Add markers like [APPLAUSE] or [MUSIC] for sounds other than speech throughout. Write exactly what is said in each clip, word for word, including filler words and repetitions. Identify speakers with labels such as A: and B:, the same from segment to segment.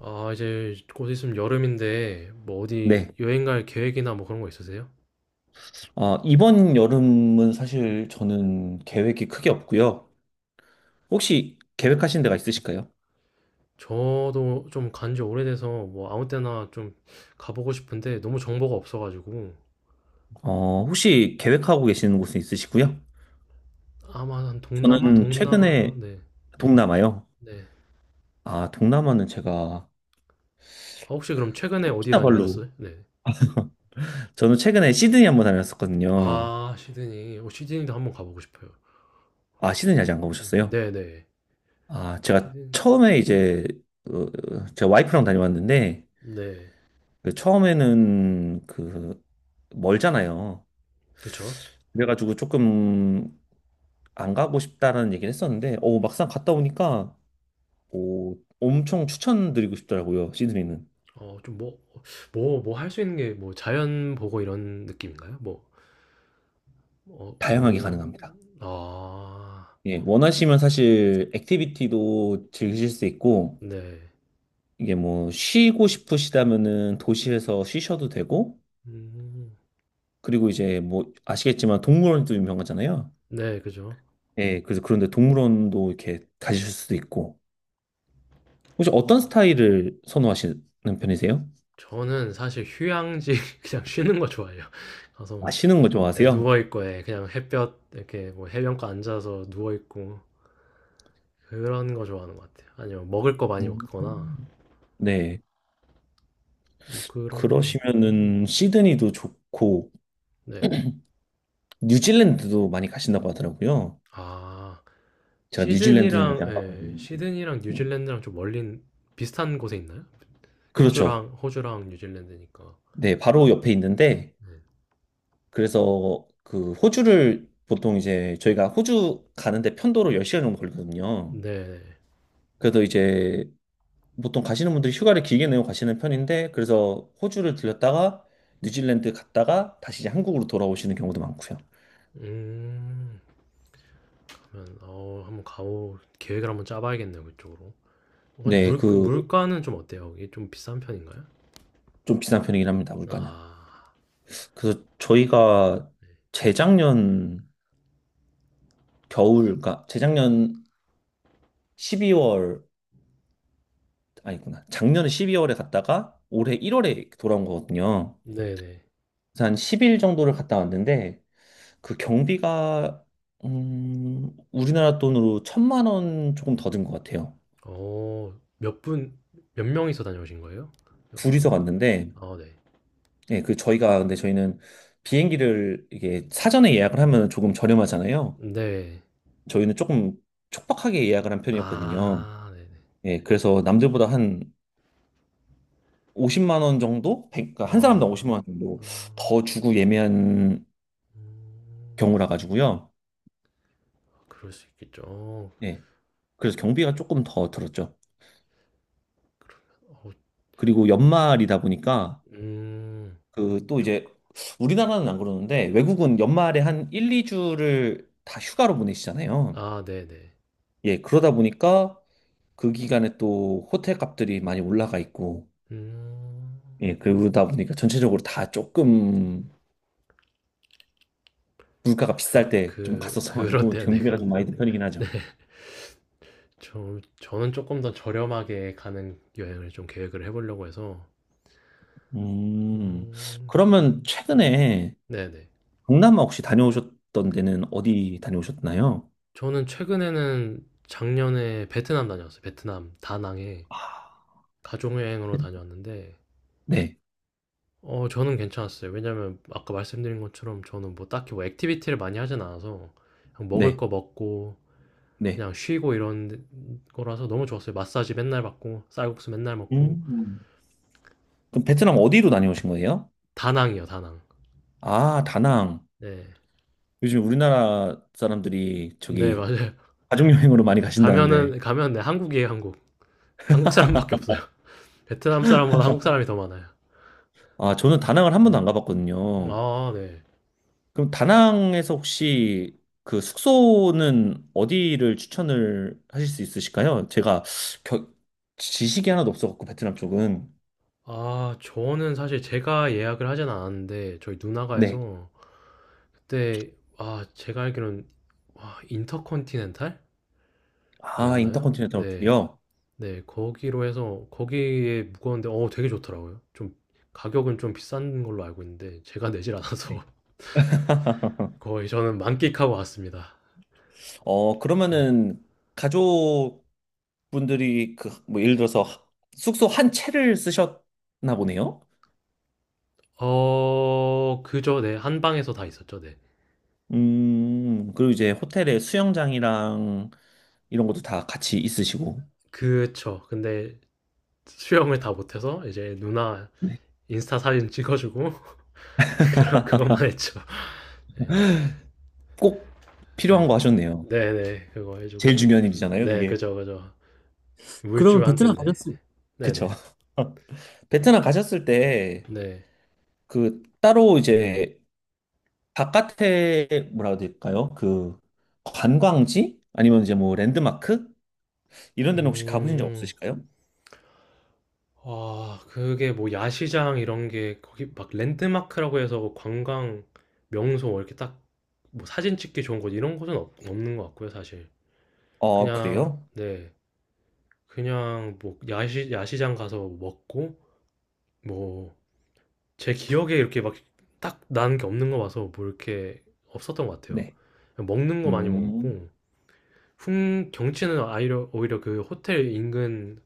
A: 아, 이제 곧 있으면 여름인데, 뭐 어디
B: 네.
A: 여행 갈 계획이나 뭐 그런 거 있으세요?
B: 아, 이번 여름은 사실 저는 계획이 크게 없고요. 혹시 계획하신 데가 있으실까요?
A: 저도 좀 간지 오래돼서 뭐 아무 때나 좀 가보고 싶은데 너무 정보가 없어가지고
B: 어, 혹시 계획하고 계시는 곳은 있으시고요?
A: 아마 한 동남아?
B: 저는
A: 동남아나?
B: 최근에
A: 네.
B: 동남아요.
A: 네.
B: 아, 동남아는 제가
A: 아, 혹시 그럼 최근에 어디
B: 호키나발루.
A: 다녀오셨어요? 네.
B: 저는 최근에 시드니 한번 다녔었거든요.
A: 아, 시드니. 어, 시드니도 한번 가보고 싶어요.
B: 아, 시드니 아직
A: 시드니?
B: 안
A: 네.
B: 가보셨어요?
A: 네네.
B: 아, 제가
A: 시드니.
B: 처음에 이제 어, 제가 와이프랑 다녀왔는데
A: 네.
B: 그 처음에는 그 멀잖아요.
A: 그쵸?
B: 그래가지고 조금 안 가고 싶다라는 얘기를 했었는데, 오, 막상 갔다 오니까, 오, 엄청 추천드리고 싶더라고요, 시드니는.
A: 어, 좀 뭐, 뭐, 뭐 할 수 있는 게 뭐 자연 보고 이런 느낌인가요? 뭐. 어,
B: 다양하게
A: 뭐,
B: 가능합니다.
A: 아,
B: 예, 원하시면 사실 액티비티도 즐기실 수 있고,
A: 네.
B: 이게 뭐 쉬고 싶으시다면은 도시에서 쉬셔도 되고,
A: 음,
B: 그리고 이제 뭐 아시겠지만 동물원도 유명하잖아요.
A: 네, 그죠.
B: 예, 그래서 그런데 동물원도 이렇게 가실 수도 있고. 혹시
A: 어,
B: 어떤 스타일을 선호하시는 편이세요?
A: 저는 사실 휴양지 [LAUGHS] 그냥 쉬는 거 좋아해요. 가서 뭐,
B: 아시는 거
A: 네,
B: 좋아하세요?
A: 누워있고, 예, 그냥 햇볕, 이렇게 뭐 해변가 앉아서 누워있고, 그런 거 좋아하는 것 같아요. 아니면 먹을 거 많이
B: 음.
A: 먹거나,
B: 네.
A: 뭐 그런 거, 네.
B: 그러시면은 시드니도 좋고
A: 네네.
B: 뉴질랜드도 많이 가신다고 하더라고요.
A: 아,
B: 제가 뉴질랜드는 아직
A: 시드니랑,
B: 안
A: 예,
B: 가봤는데.
A: 시드니랑
B: 네.
A: 뉴질랜드랑 좀 멀린, 비슷한 곳에 있나요?
B: 그렇죠.
A: 호주랑, 호주랑 뉴질랜드니까.
B: 네, 바로 옆에 있는데 그래서 그 호주를 보통 이제 저희가 호주 가는데 편도로 열 시간 정도 걸리거든요.
A: 네네.
B: 그래서 이제 보통 가시는 분들이 휴가를 길게 내고 가시는 편인데 그래서 호주를 들렸다가 뉴질랜드 갔다가 다시 이제 한국으로 돌아오시는 경우도 많고요.
A: 음. 어 한번 가오 계획을 한번 짜봐야겠네요, 그쪽으로. 어,
B: 네,
A: 물
B: 그
A: 물가는 좀 어때요? 거기 좀 비싼 편인가요?
B: 좀 비싼 편이긴 합니다, 물가는.
A: 아,
B: 그래서 저희가 재작년 겨울, 그 재작년 십이 월, 아니구나. 작년에 십이 월에 갔다가 올해 일 월에 돌아온 거거든요.
A: 네네.
B: 그래서 한 십 일 정도를 갔다 왔는데 그 경비가, 음, 우리나라 돈으로 천만 원 조금 더 든 것 같아요.
A: 어몇분몇 명이서 다녀오신 거예요? 여-
B: 둘이서
A: 그러면?
B: 갔는데,
A: 아, 네.
B: 예, 그 저희가, 근데 저희는 비행기를 이게 사전에 예약을 하면 조금 저렴하잖아요.
A: 네.
B: 저희는 조금 촉박하게 예약을 한 편이었거든요.
A: 아, 네네.
B: 예, 그래서 남들보다 한 오십만 원 정도? 백- 그러니까 한 사람당
A: 아.
B: 오십만 원 정도
A: 음,
B: 더 주고 예매한
A: 음,
B: 경우라 가지고요.
A: 그럴 수 있겠죠. 어,
B: 예. 그래서 경비가 조금 더 들었죠.
A: 어,
B: 그리고
A: 아무튼.
B: 연말이다 보니까
A: 음,
B: 그 또
A: 쪽,
B: 이제 우리나라는 안 그러는데 외국은 연말에 한 일, 이 주를 다 휴가로 보내시잖아요.
A: 아, 네네.
B: 예. 그러다 보니까 그 기간에 또 호텔 값들이 많이 올라가 있고
A: 음,
B: 예. 그러다 보니까 전체적으로 다 조금 물가가 비쌀
A: 그,
B: 때 좀
A: 그,
B: 갔었어 가지고
A: 그렇대요. 네,
B: 경비가 좀
A: 그렇네.
B: 많이 든 편이긴 하죠.
A: 저, 저는 조금 더 저렴하게 가는 여행을 좀 계획을 해보려고 해서,
B: 음,
A: 음,
B: 그러면
A: 네.
B: 최근에
A: 네네.
B: 동남아 혹시 다녀오셨던 데는 어디 다녀오셨나요?
A: 저는 최근에는 작년에 베트남 다녀왔어요. 베트남, 다낭에
B: 아,
A: 가족여행으로 다녀왔는데,
B: 네,
A: 어, 저는 괜찮았어요. 왜냐면 아까 말씀드린 것처럼 저는 뭐 딱히 뭐 액티비티를 많이 하진 않아서, 그냥 먹을
B: 네,
A: 거 먹고,
B: 네.
A: 그냥 쉬고 이런 거라서 너무 좋았어요. 마사지 맨날 받고, 쌀국수 맨날 먹고,
B: 음. 그럼 베트남 어디로 다녀오신 거예요?
A: 다낭이요, 다낭.
B: 아, 다낭.
A: 네.
B: 요즘 우리나라 사람들이
A: 네,
B: 저기
A: 맞아요. [LAUGHS]
B: 가족여행으로 많이 가신다는데.
A: 가면은, 가면, 네, 한국이에요, 한국. 한국 사람밖에 없어요. [LAUGHS] 베트남 사람보다 한국 사람이 더 많아요.
B: 아, 저는 다낭을 한
A: 네.
B: 번도 안 가봤거든요.
A: 아, 네.
B: 그럼 다낭에서 혹시 그 숙소는 어디를 추천을 하실 수 있으실까요? 제가 겨- 지식이 하나도 없어갖고 베트남 쪽은.
A: 아, 저는 사실 제가 예약을 하진 않았는데 저희 누나가
B: 네.
A: 해서 그때 아, 제가 알기로는 와, 인터컨티넨탈이었나요?
B: 아, 인터컨티넨탈
A: 네.
B: 호텔이요?
A: 네, 거기로 해서 거기에 묵었는데 어, 되게 좋더라고요. 좀 가격은 좀 비싼 걸로 알고 있는데 제가 내질 않아서
B: 네.
A: [LAUGHS]
B: [LAUGHS]
A: 거의 저는 만끽하고 왔습니다.
B: 어,
A: 네.
B: 그러면은 가족분들이 그, 뭐, 예를 들어서 숙소 한 채를 쓰셨나 보네요?
A: 어, 그죠. 네. 한 방에서 다 있었죠. 네.
B: 음, 그리고 이제 호텔에 수영장이랑 이런 것도 다 같이 있으시고.
A: 그쵸. 근데 수영을 다 못해서 이제 누나
B: 네.
A: 인스타 사진 찍어주고 [LAUGHS] 그런 그것만 했죠. 네,
B: 꼭
A: 네,
B: 필요한 거 하셨네요.
A: 네, 네, 그거
B: 제일
A: 해주고
B: 중요한 일이잖아요,
A: 네,
B: 그게.
A: 그죠, 그죠.
B: 그러면
A: 물주한테
B: 베트남
A: 네,
B: 가셨을
A: 네, 네,
B: 그쵸? [LAUGHS] 베트남 가셨을 때
A: 네.
B: 그 따로 이제 바깥에 뭐라고 해야 될까요? 그 관광지? 아니면 이제 뭐 랜드마크? 이런 데는 혹시 가보신 적
A: 음,
B: 없으실까요?
A: 아, 그게 뭐 야시장 이런 게 거기 막 랜드마크라고 해서 뭐 관광 명소 뭐 이렇게 딱 뭐 사진 찍기 좋은 곳 이런 곳은 없, 없는 것 같고요, 사실.
B: 어,
A: 그냥
B: 그래요?
A: 네, 그냥 뭐 야시 야시장 가서 먹고 뭐 제 기억에 이렇게 막 딱 나는 게 없는 거 봐서 뭐 이렇게 없었던 것 같아요.
B: 네.
A: 먹는 거 많이
B: 음,
A: 먹었고 풍 경치는 오히려 오히려 그 호텔 인근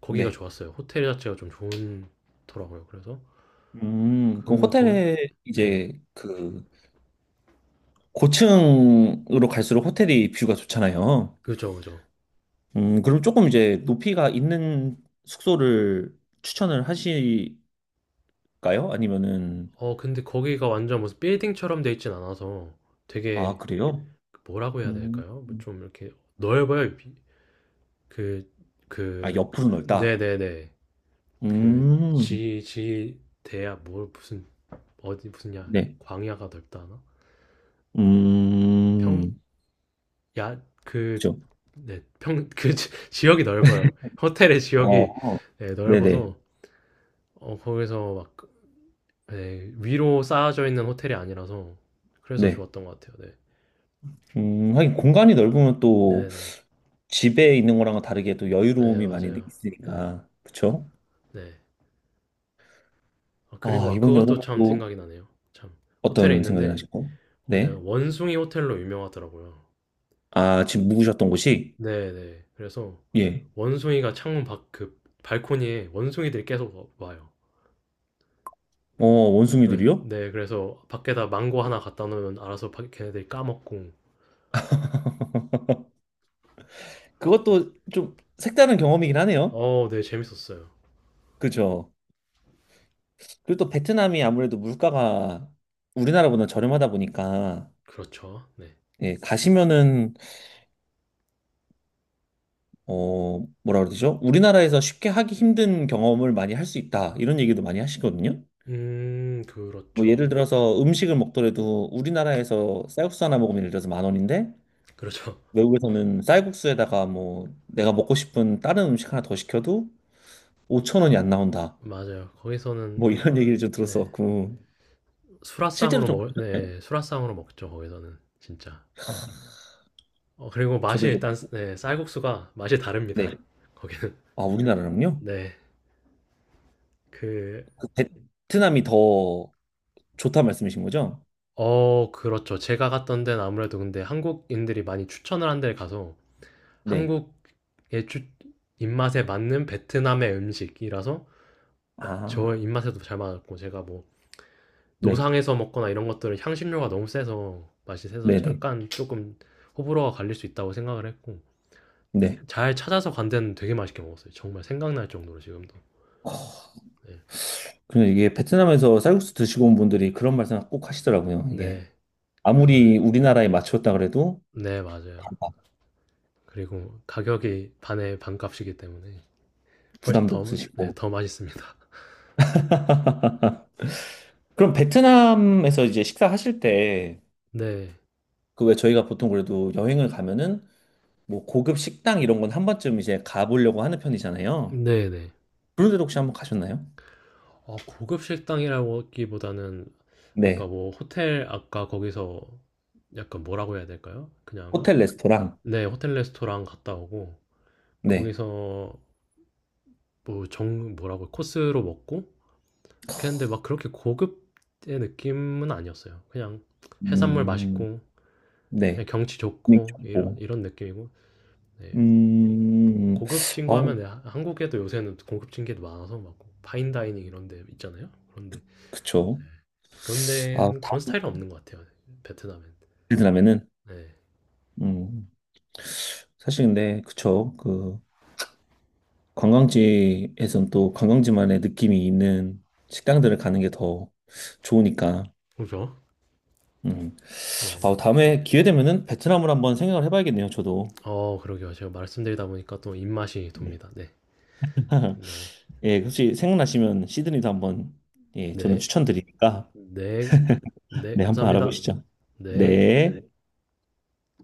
A: 거기가
B: 네.
A: 좋았어요. 호텔 자체가 좀 좋더라고요. 그래서
B: 음, 그럼
A: 그 거기
B: 호텔에
A: 네,
B: 이제 그 고층으로 갈수록 호텔이 뷰가 좋잖아요.
A: 그죠, 그죠.
B: 음, 그럼 조금 이제 높이가 있는 숙소를 추천을 하실까요? 아니면은,
A: 어 근데 거기가 완전 무슨 빌딩처럼 돼 있진 않아서
B: 아,
A: 되게
B: 그래요?
A: 뭐라고 해야
B: 음,
A: 될까요? 뭐좀 이렇게 넓어요.
B: 아,
A: 그그
B: 옆으로
A: 네네네, 그
B: 넓다.
A: 네, 네, 네. 그
B: 음,
A: 지지 대야 뭘 무슨 어디 무슨 야
B: 네.
A: 광야가 넓다 하나?
B: 음,
A: 평야그네평그
B: 그죠.
A: [LAUGHS] 지역이 넓어요. 호텔의 지역이
B: 어,
A: 네,
B: 네네,
A: 넓어서 어, 거기서 막 네, 위로 쌓아져 있는 호텔이 아니라서 그래서
B: 네.
A: 좋았던 것 같아요. 네.
B: 음, 하긴 공간이 넓으면 또
A: 네네.
B: 집에 있는 거랑은 다르게 또
A: 네,
B: 여유로움이 많이
A: 맞아요. 네.
B: 있으니까, 그쵸?
A: 네. 아, 그리고
B: 아,
A: 아,
B: 이번
A: 그것도
B: 여름에
A: 참
B: 또
A: 생각이 나네요. 참. 호텔에
B: 어떤 생각이
A: 있는데
B: 나시고?
A: 거기
B: 네.
A: 원숭이 호텔로 유명하더라고요.
B: 아, 지금 묵으셨던 곳이?
A: 네네. 그래서
B: 예.
A: 원숭이가 창문 밖 그 발코니에 원숭이들이 계속 와- 와요.
B: 어,
A: 그래,
B: 원숭이들이요?
A: 네, 그래서 밖에다 망고 하나 갖다 놓으면 알아서 밖 걔네들이 까먹고.
B: 그것도 좀 색다른 경험이긴 하네요.
A: 어, 네, 재밌었어요.
B: 그죠. 그리고 또 베트남이 아무래도 물가가 우리나라보다 저렴하다 보니까,
A: 그렇죠. 네.
B: 예, 가시면은 어, 뭐라 그러죠? 우리나라에서 쉽게 하기 힘든 경험을 많이 할 수 있다. 이런 얘기도 많이 하시거든요.
A: 음,
B: 뭐
A: 그렇죠.
B: 예를 들어서 음식을 먹더라도 우리나라에서 쌀국수 하나 먹으면 예를 들어서 만 원인데
A: 그렇죠. [LAUGHS]
B: 외국에서는 쌀국수에다가 뭐 내가 먹고 싶은 다른 음식 하나 더 시켜도 오천 원이 안 나온다.
A: 맞아요. 거기서는
B: 뭐 이런 얘기를 좀
A: 네,
B: 들었어갖고 실제로
A: 수라상으로
B: 좀
A: 먹을 네, 수라상으로 먹죠. 거기서는 진짜. 어, 그리고 맛이
B: 저도 이제
A: 일단 네, 쌀국수가 맛이 다릅니다.
B: 네.
A: [LAUGHS] 거기는.
B: 아, 우리나라랑요?
A: 네. 그
B: 그 베트남이 더 좋다 말씀이신 거죠?
A: 어, 그렇죠. 제가 갔던 데는 아무래도 근데 한국인들이 많이 추천을 한 데를 가서
B: 네.
A: 한국의 주, 입맛에 맞는 베트남의 음식이라서 저
B: 아,
A: 입맛에도 잘 맞았고 제가 뭐
B: 네.
A: 노상에서 먹거나 이런 것들은 향신료가 너무 세서 맛이 세서
B: 네네.
A: 약간 조금 호불호가 갈릴 수 있다고 생각을 했고
B: 네.
A: 잘 찾아서 간 데는 되게 맛있게 먹었어요. 정말 생각날 정도로 지금도. 네.
B: 근데 이게 베트남에서 쌀국수 드시고 온 분들이 그런 말씀 꼭 하시더라고요. 이게
A: 네.
B: 아무리 우리나라에 맞췄다 그래도
A: 네,
B: 다
A: 맞아요. 그리고 가격이 반의 반값이기 때문에 훨씬
B: 부담도
A: 더, 네,
B: 없으시고.
A: 더 맛있습니다.
B: [LAUGHS] 그럼 베트남에서 이제 식사하실 때,
A: 네.
B: 그 왜 저희가 보통 그래도 여행을 가면은 뭐 고급 식당 이런 건 한 번쯤 이제 가보려고 하는 편이잖아요.
A: 네, 네.
B: 그런 데도 혹시 한번 가셨나요?
A: 아, 고급 식당이라기보다는 아까
B: 네.
A: 뭐 호텔 아까 거기서 약간 뭐라고 해야 될까요? 그냥
B: 호텔 레스토랑.
A: 네, 호텔 레스토랑 갔다 오고
B: 네.
A: 거기서 뭐 정 뭐라고 코스로 먹고 그렇게 했는데 막 그렇게 고급의 느낌은 아니었어요. 그냥 해산물
B: 음,
A: 맛있고 그냥
B: 네.
A: 경치
B: 분위기
A: 좋고 이런
B: 좋고.
A: 이런 느낌이고 네, 뭐
B: 음,
A: 고급진 거
B: 아,
A: 하면 네, 한국에도 요새는 고급진 게 많아서 막 파인다이닝 이런 데 있잖아요. 그런데
B: 그쵸.
A: 네. 그런
B: 아,
A: 데는 그런
B: 다
A: 스타일은 없는 것 같아요. 베트남은.
B: 베트남에는.
A: 네.
B: 음. 사실 근데 그쵸 그 관광지에선 또 관광지만의 느낌이 있는 식당들을 가는 게 더 좋으니까
A: 그죠?
B: 음.
A: 네네.
B: 아, 다음에 기회 되면은 베트남을 한번 생각을 해봐야겠네요 저도
A: 어, 그러게요. 제가 말씀드리다 보니까 또 입맛이
B: 네.
A: 돕니다. 네.
B: [LAUGHS]
A: 네.
B: 예 혹시 생각나시면 시드니도 한번 예 저는
A: 네.
B: 추천드리니까
A: 네. 네.
B: 네 한번
A: 감사합니다.
B: 알아보시죠
A: 네.
B: 네